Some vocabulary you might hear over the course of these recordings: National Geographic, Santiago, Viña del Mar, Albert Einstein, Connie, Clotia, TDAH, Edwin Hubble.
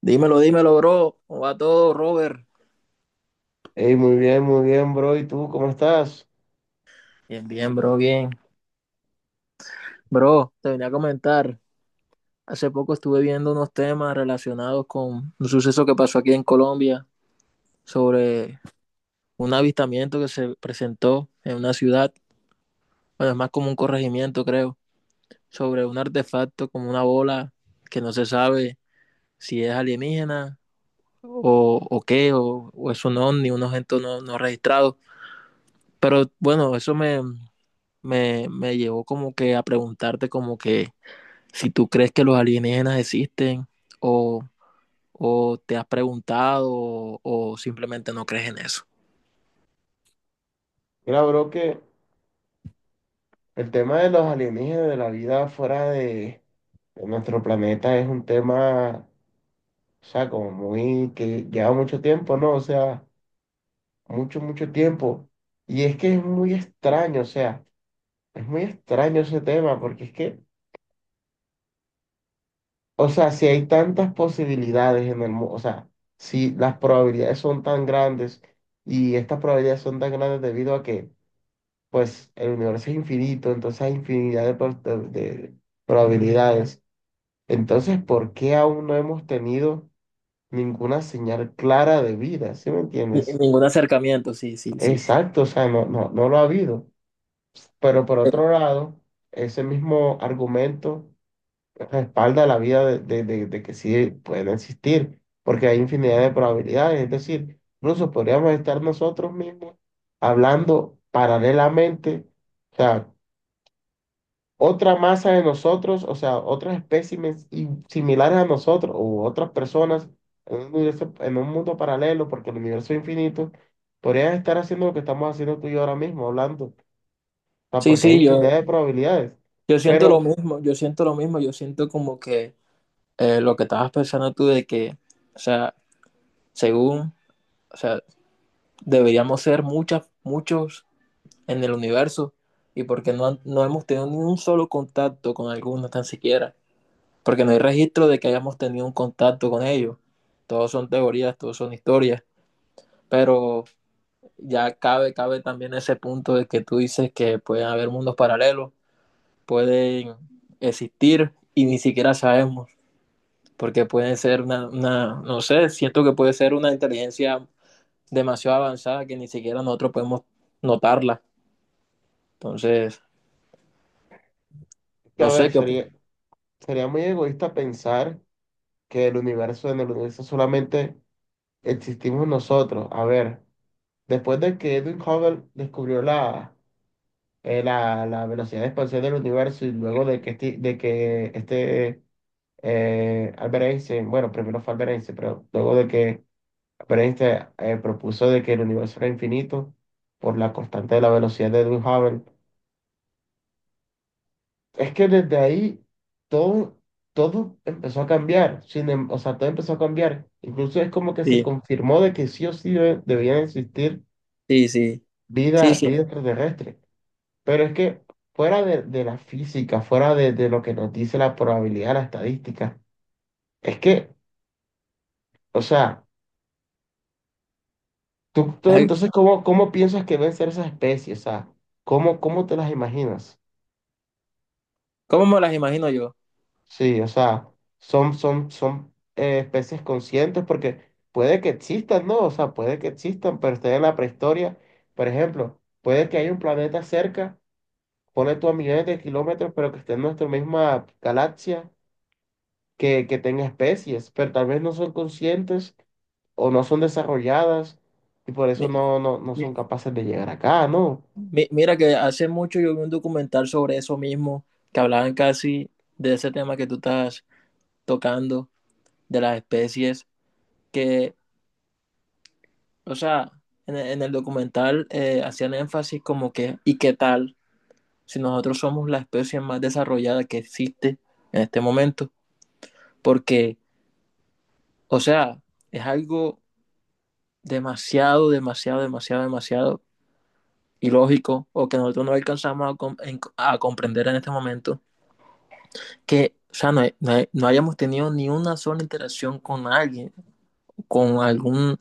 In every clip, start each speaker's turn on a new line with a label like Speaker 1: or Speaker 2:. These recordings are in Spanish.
Speaker 1: Dímelo, dímelo, bro. ¿Cómo va todo, Robert?
Speaker 2: Hey muy bien, bro. ¿Y tú cómo estás?
Speaker 1: Bien, bien. Bro, te venía a comentar. Hace poco estuve viendo unos temas relacionados con un suceso que pasó aquí en Colombia sobre un avistamiento que se presentó en una ciudad, bueno, es más como un corregimiento, creo, sobre un artefacto como una bola que no se sabe si es alienígena o qué, o es un ovni, un objeto no, no registrado. Pero bueno, eso me llevó como que a preguntarte como que si tú crees que los alienígenas existen o, o te has preguntado o simplemente no crees en eso.
Speaker 2: Mira, bro, que el tema de los alienígenas, de la vida fuera de nuestro planeta es un tema, o sea, como muy, que lleva mucho tiempo, ¿no? O sea, mucho, mucho tiempo. Y es que es muy extraño, o sea, es muy extraño ese tema, porque es que, o sea, si hay tantas posibilidades en el mundo, o sea, si las probabilidades son tan grandes y estas probabilidades son tan grandes debido a que pues el universo es infinito, entonces hay infinidad de probabilidades. Entonces, ¿por qué aún no hemos tenido ninguna señal clara de vida? ¿Sí me entiendes?
Speaker 1: Ningún acercamiento, sí, sí, sí.
Speaker 2: Exacto, o sea, no, no, no lo ha habido. Pero por
Speaker 1: Eh,
Speaker 2: otro lado, ese mismo argumento respalda la vida de que sí pueden existir, porque hay infinidad de probabilidades. Es decir, incluso podríamos estar nosotros mismos hablando paralelamente. O sea, otra masa de nosotros, o sea, otros espécimes similares a nosotros u otras personas en un universo, en un mundo paralelo, porque el universo es infinito, podrían estar haciendo lo que estamos haciendo tú y yo ahora mismo, hablando, o sea,
Speaker 1: Sí,
Speaker 2: porque hay
Speaker 1: sí,
Speaker 2: infinidad
Speaker 1: yo,
Speaker 2: de probabilidades.
Speaker 1: yo siento
Speaker 2: Pero,
Speaker 1: lo mismo, yo siento lo mismo, yo siento como que lo que estabas pensando tú de que, o sea, según, o sea, deberíamos ser muchas, muchos en el universo y porque no, no hemos tenido ni un solo contacto con alguno tan siquiera. Porque no hay registro de que hayamos tenido un contacto con ellos. Todos son teorías, todos son historias, pero ya cabe, cabe también ese punto de que tú dices que pueden haber mundos paralelos, pueden existir y ni siquiera sabemos, porque pueden ser una no sé, siento que puede ser una inteligencia demasiado avanzada que ni siquiera nosotros podemos notarla. Entonces,
Speaker 2: que a
Speaker 1: no
Speaker 2: ver,
Speaker 1: sé qué.
Speaker 2: sería muy egoísta pensar que el universo, en el universo solamente existimos nosotros. A ver, después de que Edwin Hubble descubrió la velocidad de expansión del universo y luego de que este, Albert Einstein, bueno, primero fue Albert Einstein, pero luego de que Albert Einstein propuso de que el universo era infinito por la constante de la velocidad de Edwin Hubble, es que desde ahí todo, todo empezó a cambiar, sin, em- o sea, todo empezó a cambiar. Incluso es como que se
Speaker 1: Sí,
Speaker 2: confirmó de que sí o sí debía existir
Speaker 1: sí, sí. Sí,
Speaker 2: vida,
Speaker 1: sí.
Speaker 2: vida extraterrestre. Pero es que fuera de la física, fuera de lo que nos dice la probabilidad, la estadística, es que, o sea, tú
Speaker 1: Ay,
Speaker 2: entonces, ¿cómo piensas que deben ser esas especies? O sea, ¿cómo te las imaginas?
Speaker 1: ¿cómo me las imagino yo?
Speaker 2: Sí, o sea, son especies conscientes porque puede que existan, ¿no? O sea, puede que existan, pero estén en la prehistoria. Por ejemplo, puede que haya un planeta cerca, pone tú a millones de kilómetros, pero que esté en nuestra misma galaxia que tenga especies, pero tal vez no son conscientes o no son desarrolladas y por eso no, no, no son
Speaker 1: Mi-
Speaker 2: capaces de llegar acá, ¿no?
Speaker 1: Mira que hace mucho yo vi un documental sobre eso mismo, que hablaban casi de ese tema que tú estás tocando, de las especies, que, o sea, en el documental hacían énfasis como que, ¿y qué tal si nosotros somos la especie más desarrollada que existe en este momento? Porque, o sea, es algo demasiado, demasiado, demasiado, demasiado ilógico o que nosotros no alcanzamos a comprender en este momento que, o sea, no, no hayamos tenido ni una sola interacción con alguien, con algún,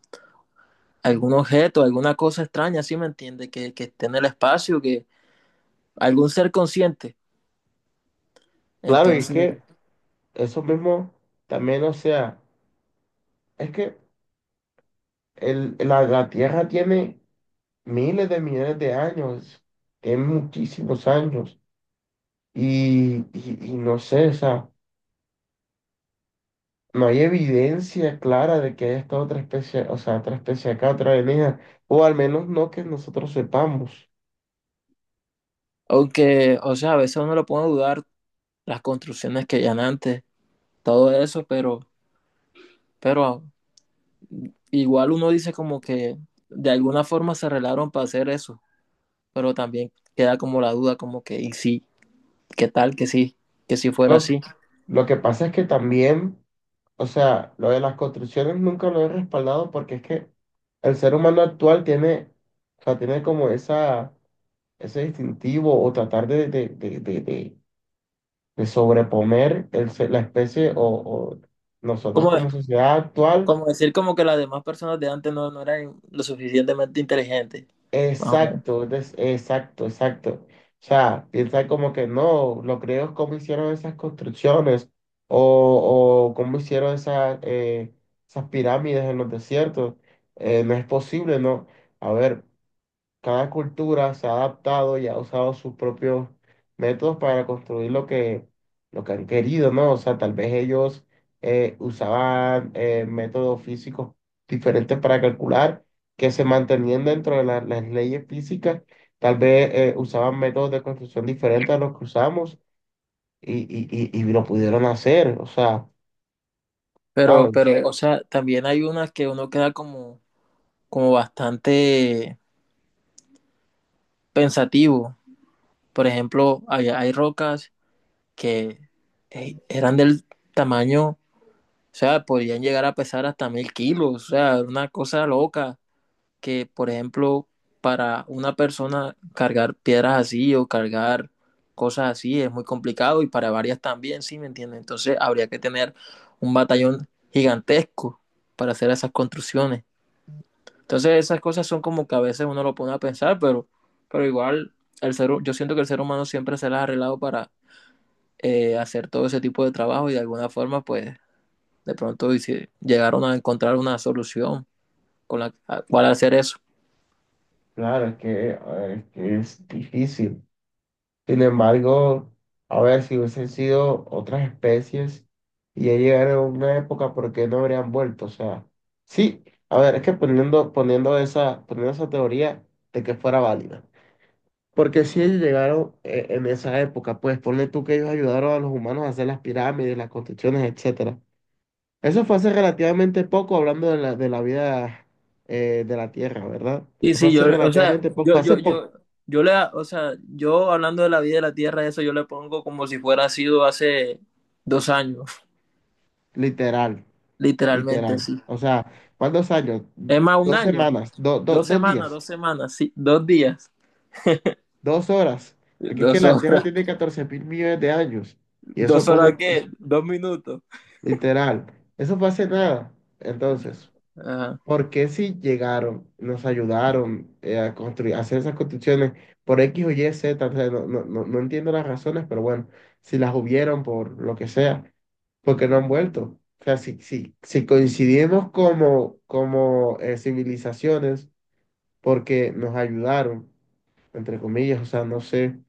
Speaker 1: algún objeto, alguna cosa extraña, ¿sí me entiende? Que esté en el espacio, que algún ser consciente.
Speaker 2: Claro, y es
Speaker 1: Entonces,
Speaker 2: que eso mismo también, o sea, es que la Tierra tiene miles de millones de años, tiene muchísimos años y no sé, o sea, no hay evidencia clara de que haya estado otra especie, o sea, otra especie acá, otra alienígena, o al menos no que nosotros sepamos.
Speaker 1: aunque, o sea, a veces uno lo puede dudar, las construcciones que hayan antes, todo eso, pero igual uno dice como que de alguna forma se arreglaron para hacer eso, pero también queda como la duda, como que, y sí, ¿qué tal que sí, que si fuera
Speaker 2: Lo
Speaker 1: así?
Speaker 2: Lo que pasa es que también, o sea, lo de las construcciones nunca lo he respaldado porque es que el ser humano actual tiene, o sea, tiene como esa, ese distintivo o tratar de sobreponer la especie o nosotros
Speaker 1: Como,
Speaker 2: como sociedad actual.
Speaker 1: Como decir como que las demás personas de antes no, no eran lo suficientemente inteligentes, más o menos.
Speaker 2: Exacto, exacto, exacto. O sea, piensa como que no, los griegos cómo hicieron esas construcciones o cómo hicieron esas pirámides en los desiertos. No es posible, ¿no? A ver, cada cultura se ha adaptado y ha usado sus propios métodos para construir lo que han querido, ¿no? O sea, tal vez ellos usaban métodos físicos diferentes para calcular que se mantenían dentro de las leyes físicas, tal vez usaban métodos de construcción diferentes a los que usamos y lo pudieron hacer, o sea,
Speaker 1: Pero,
Speaker 2: ¿sabes?
Speaker 1: pero, o sea, también hay unas que uno queda como, como bastante pensativo. Por ejemplo, hay rocas que eran del tamaño, o sea, podían llegar a pesar hasta 1.000 kilos, o sea, era una cosa loca. Que, por ejemplo, para una persona cargar piedras así o cargar cosas así es muy complicado y para varias también, ¿sí me entiendes? Entonces habría que tener un batallón gigantesco para hacer esas construcciones. Entonces esas cosas son como que a veces uno lo pone a pensar, pero igual el ser, yo siento que el ser humano siempre se las ha arreglado para hacer todo ese tipo de trabajo y de alguna forma pues de pronto dice, llegaron a encontrar una solución con la cual hacer eso.
Speaker 2: Claro, es que, es que es difícil. Sin embargo, a ver, si hubiesen sido otras especies y ya llegaron a una época, ¿por qué no habrían vuelto? O sea, sí, a ver, es que poniendo esa teoría de que fuera válida. Porque si ellos llegaron en esa época, pues ponle tú que ellos ayudaron a los humanos a hacer las pirámides, las construcciones, etcétera. Eso fue hace relativamente poco, hablando de la vida de la Tierra, ¿verdad?
Speaker 1: Y
Speaker 2: Eso fue
Speaker 1: sí,
Speaker 2: hace
Speaker 1: yo, o sea,
Speaker 2: relativamente
Speaker 1: yo,
Speaker 2: poco, hace
Speaker 1: yo, yo,
Speaker 2: poco,
Speaker 1: yo le, o sea, yo hablando de la vida de la tierra, eso yo le pongo como si fuera sido hace 2 años,
Speaker 2: literal.
Speaker 1: literalmente,
Speaker 2: Literal.
Speaker 1: sí.
Speaker 2: O sea, ¿cuántos años?
Speaker 1: Es más, un
Speaker 2: Dos
Speaker 1: año,
Speaker 2: semanas, do- do-
Speaker 1: dos
Speaker 2: dos
Speaker 1: semanas,
Speaker 2: días,
Speaker 1: 2 semanas, sí, 2 días,
Speaker 2: 2 horas. Porque es que
Speaker 1: dos
Speaker 2: la Tierra
Speaker 1: horas,
Speaker 2: tiene 14 mil millones de años. Y eso
Speaker 1: dos
Speaker 2: pone,
Speaker 1: horas, ¿qué? 2 minutos.
Speaker 2: literal, eso fue hace nada. Entonces,
Speaker 1: Ajá,
Speaker 2: ¿por qué si llegaron, nos ayudaron a construir, a hacer esas construcciones por X o Y, Z? O sea, no, no, no no entiendo las razones, pero bueno, si las hubieron por lo que sea. Porque no han vuelto. O sea, si coincidimos como civilizaciones, porque nos ayudaron, entre comillas, o sea, no sé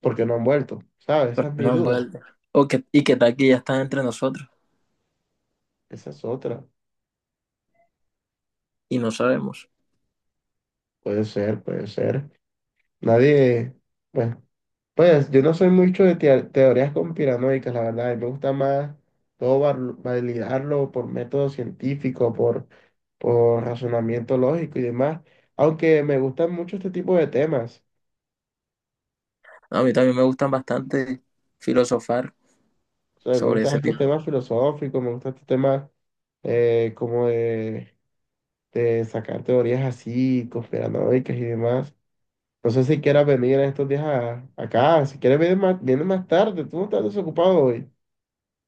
Speaker 2: por qué no han vuelto, ¿sabes? Esa
Speaker 1: pero
Speaker 2: es mi
Speaker 1: no han
Speaker 2: duda,
Speaker 1: vuelto. Y que tal que ya están entre nosotros
Speaker 2: esa es otra.
Speaker 1: y no sabemos.
Speaker 2: Puede ser, puede ser. Nadie, bueno, pues yo no soy mucho de teorías conspiranoicas, la verdad, y me gusta más todo validarlo por método científico, por razonamiento lógico y demás, aunque me gustan mucho este tipo de temas,
Speaker 1: A mí también me gustan bastante filosofar
Speaker 2: o sea, me
Speaker 1: sobre
Speaker 2: gustan
Speaker 1: ese
Speaker 2: estos
Speaker 1: tipo.
Speaker 2: temas filosóficos, me gustan estos temas como de sacar teorías así, conspiranoicas y demás. No sé si quieras venir en estos días acá, si quieres venir más, vienes más tarde, tú no estás desocupado hoy.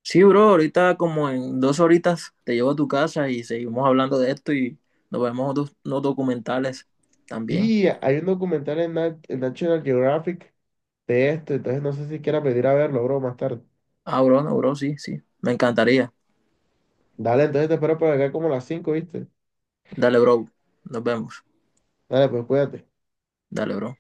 Speaker 1: Sí, bro, ahorita como en 2 horitas te llevo a tu casa y seguimos hablando de esto y nos vemos otros unos documentales también.
Speaker 2: Sí, hay un documental en National Geographic de esto, entonces no sé si quieras venir a verlo, bro, más tarde.
Speaker 1: Ah, bro, no, bro, sí, sí, me encantaría.
Speaker 2: Dale, entonces te espero por acá como a las 5, ¿viste?
Speaker 1: Dale, bro, nos vemos.
Speaker 2: Dale, pues cuídate.
Speaker 1: Dale, bro.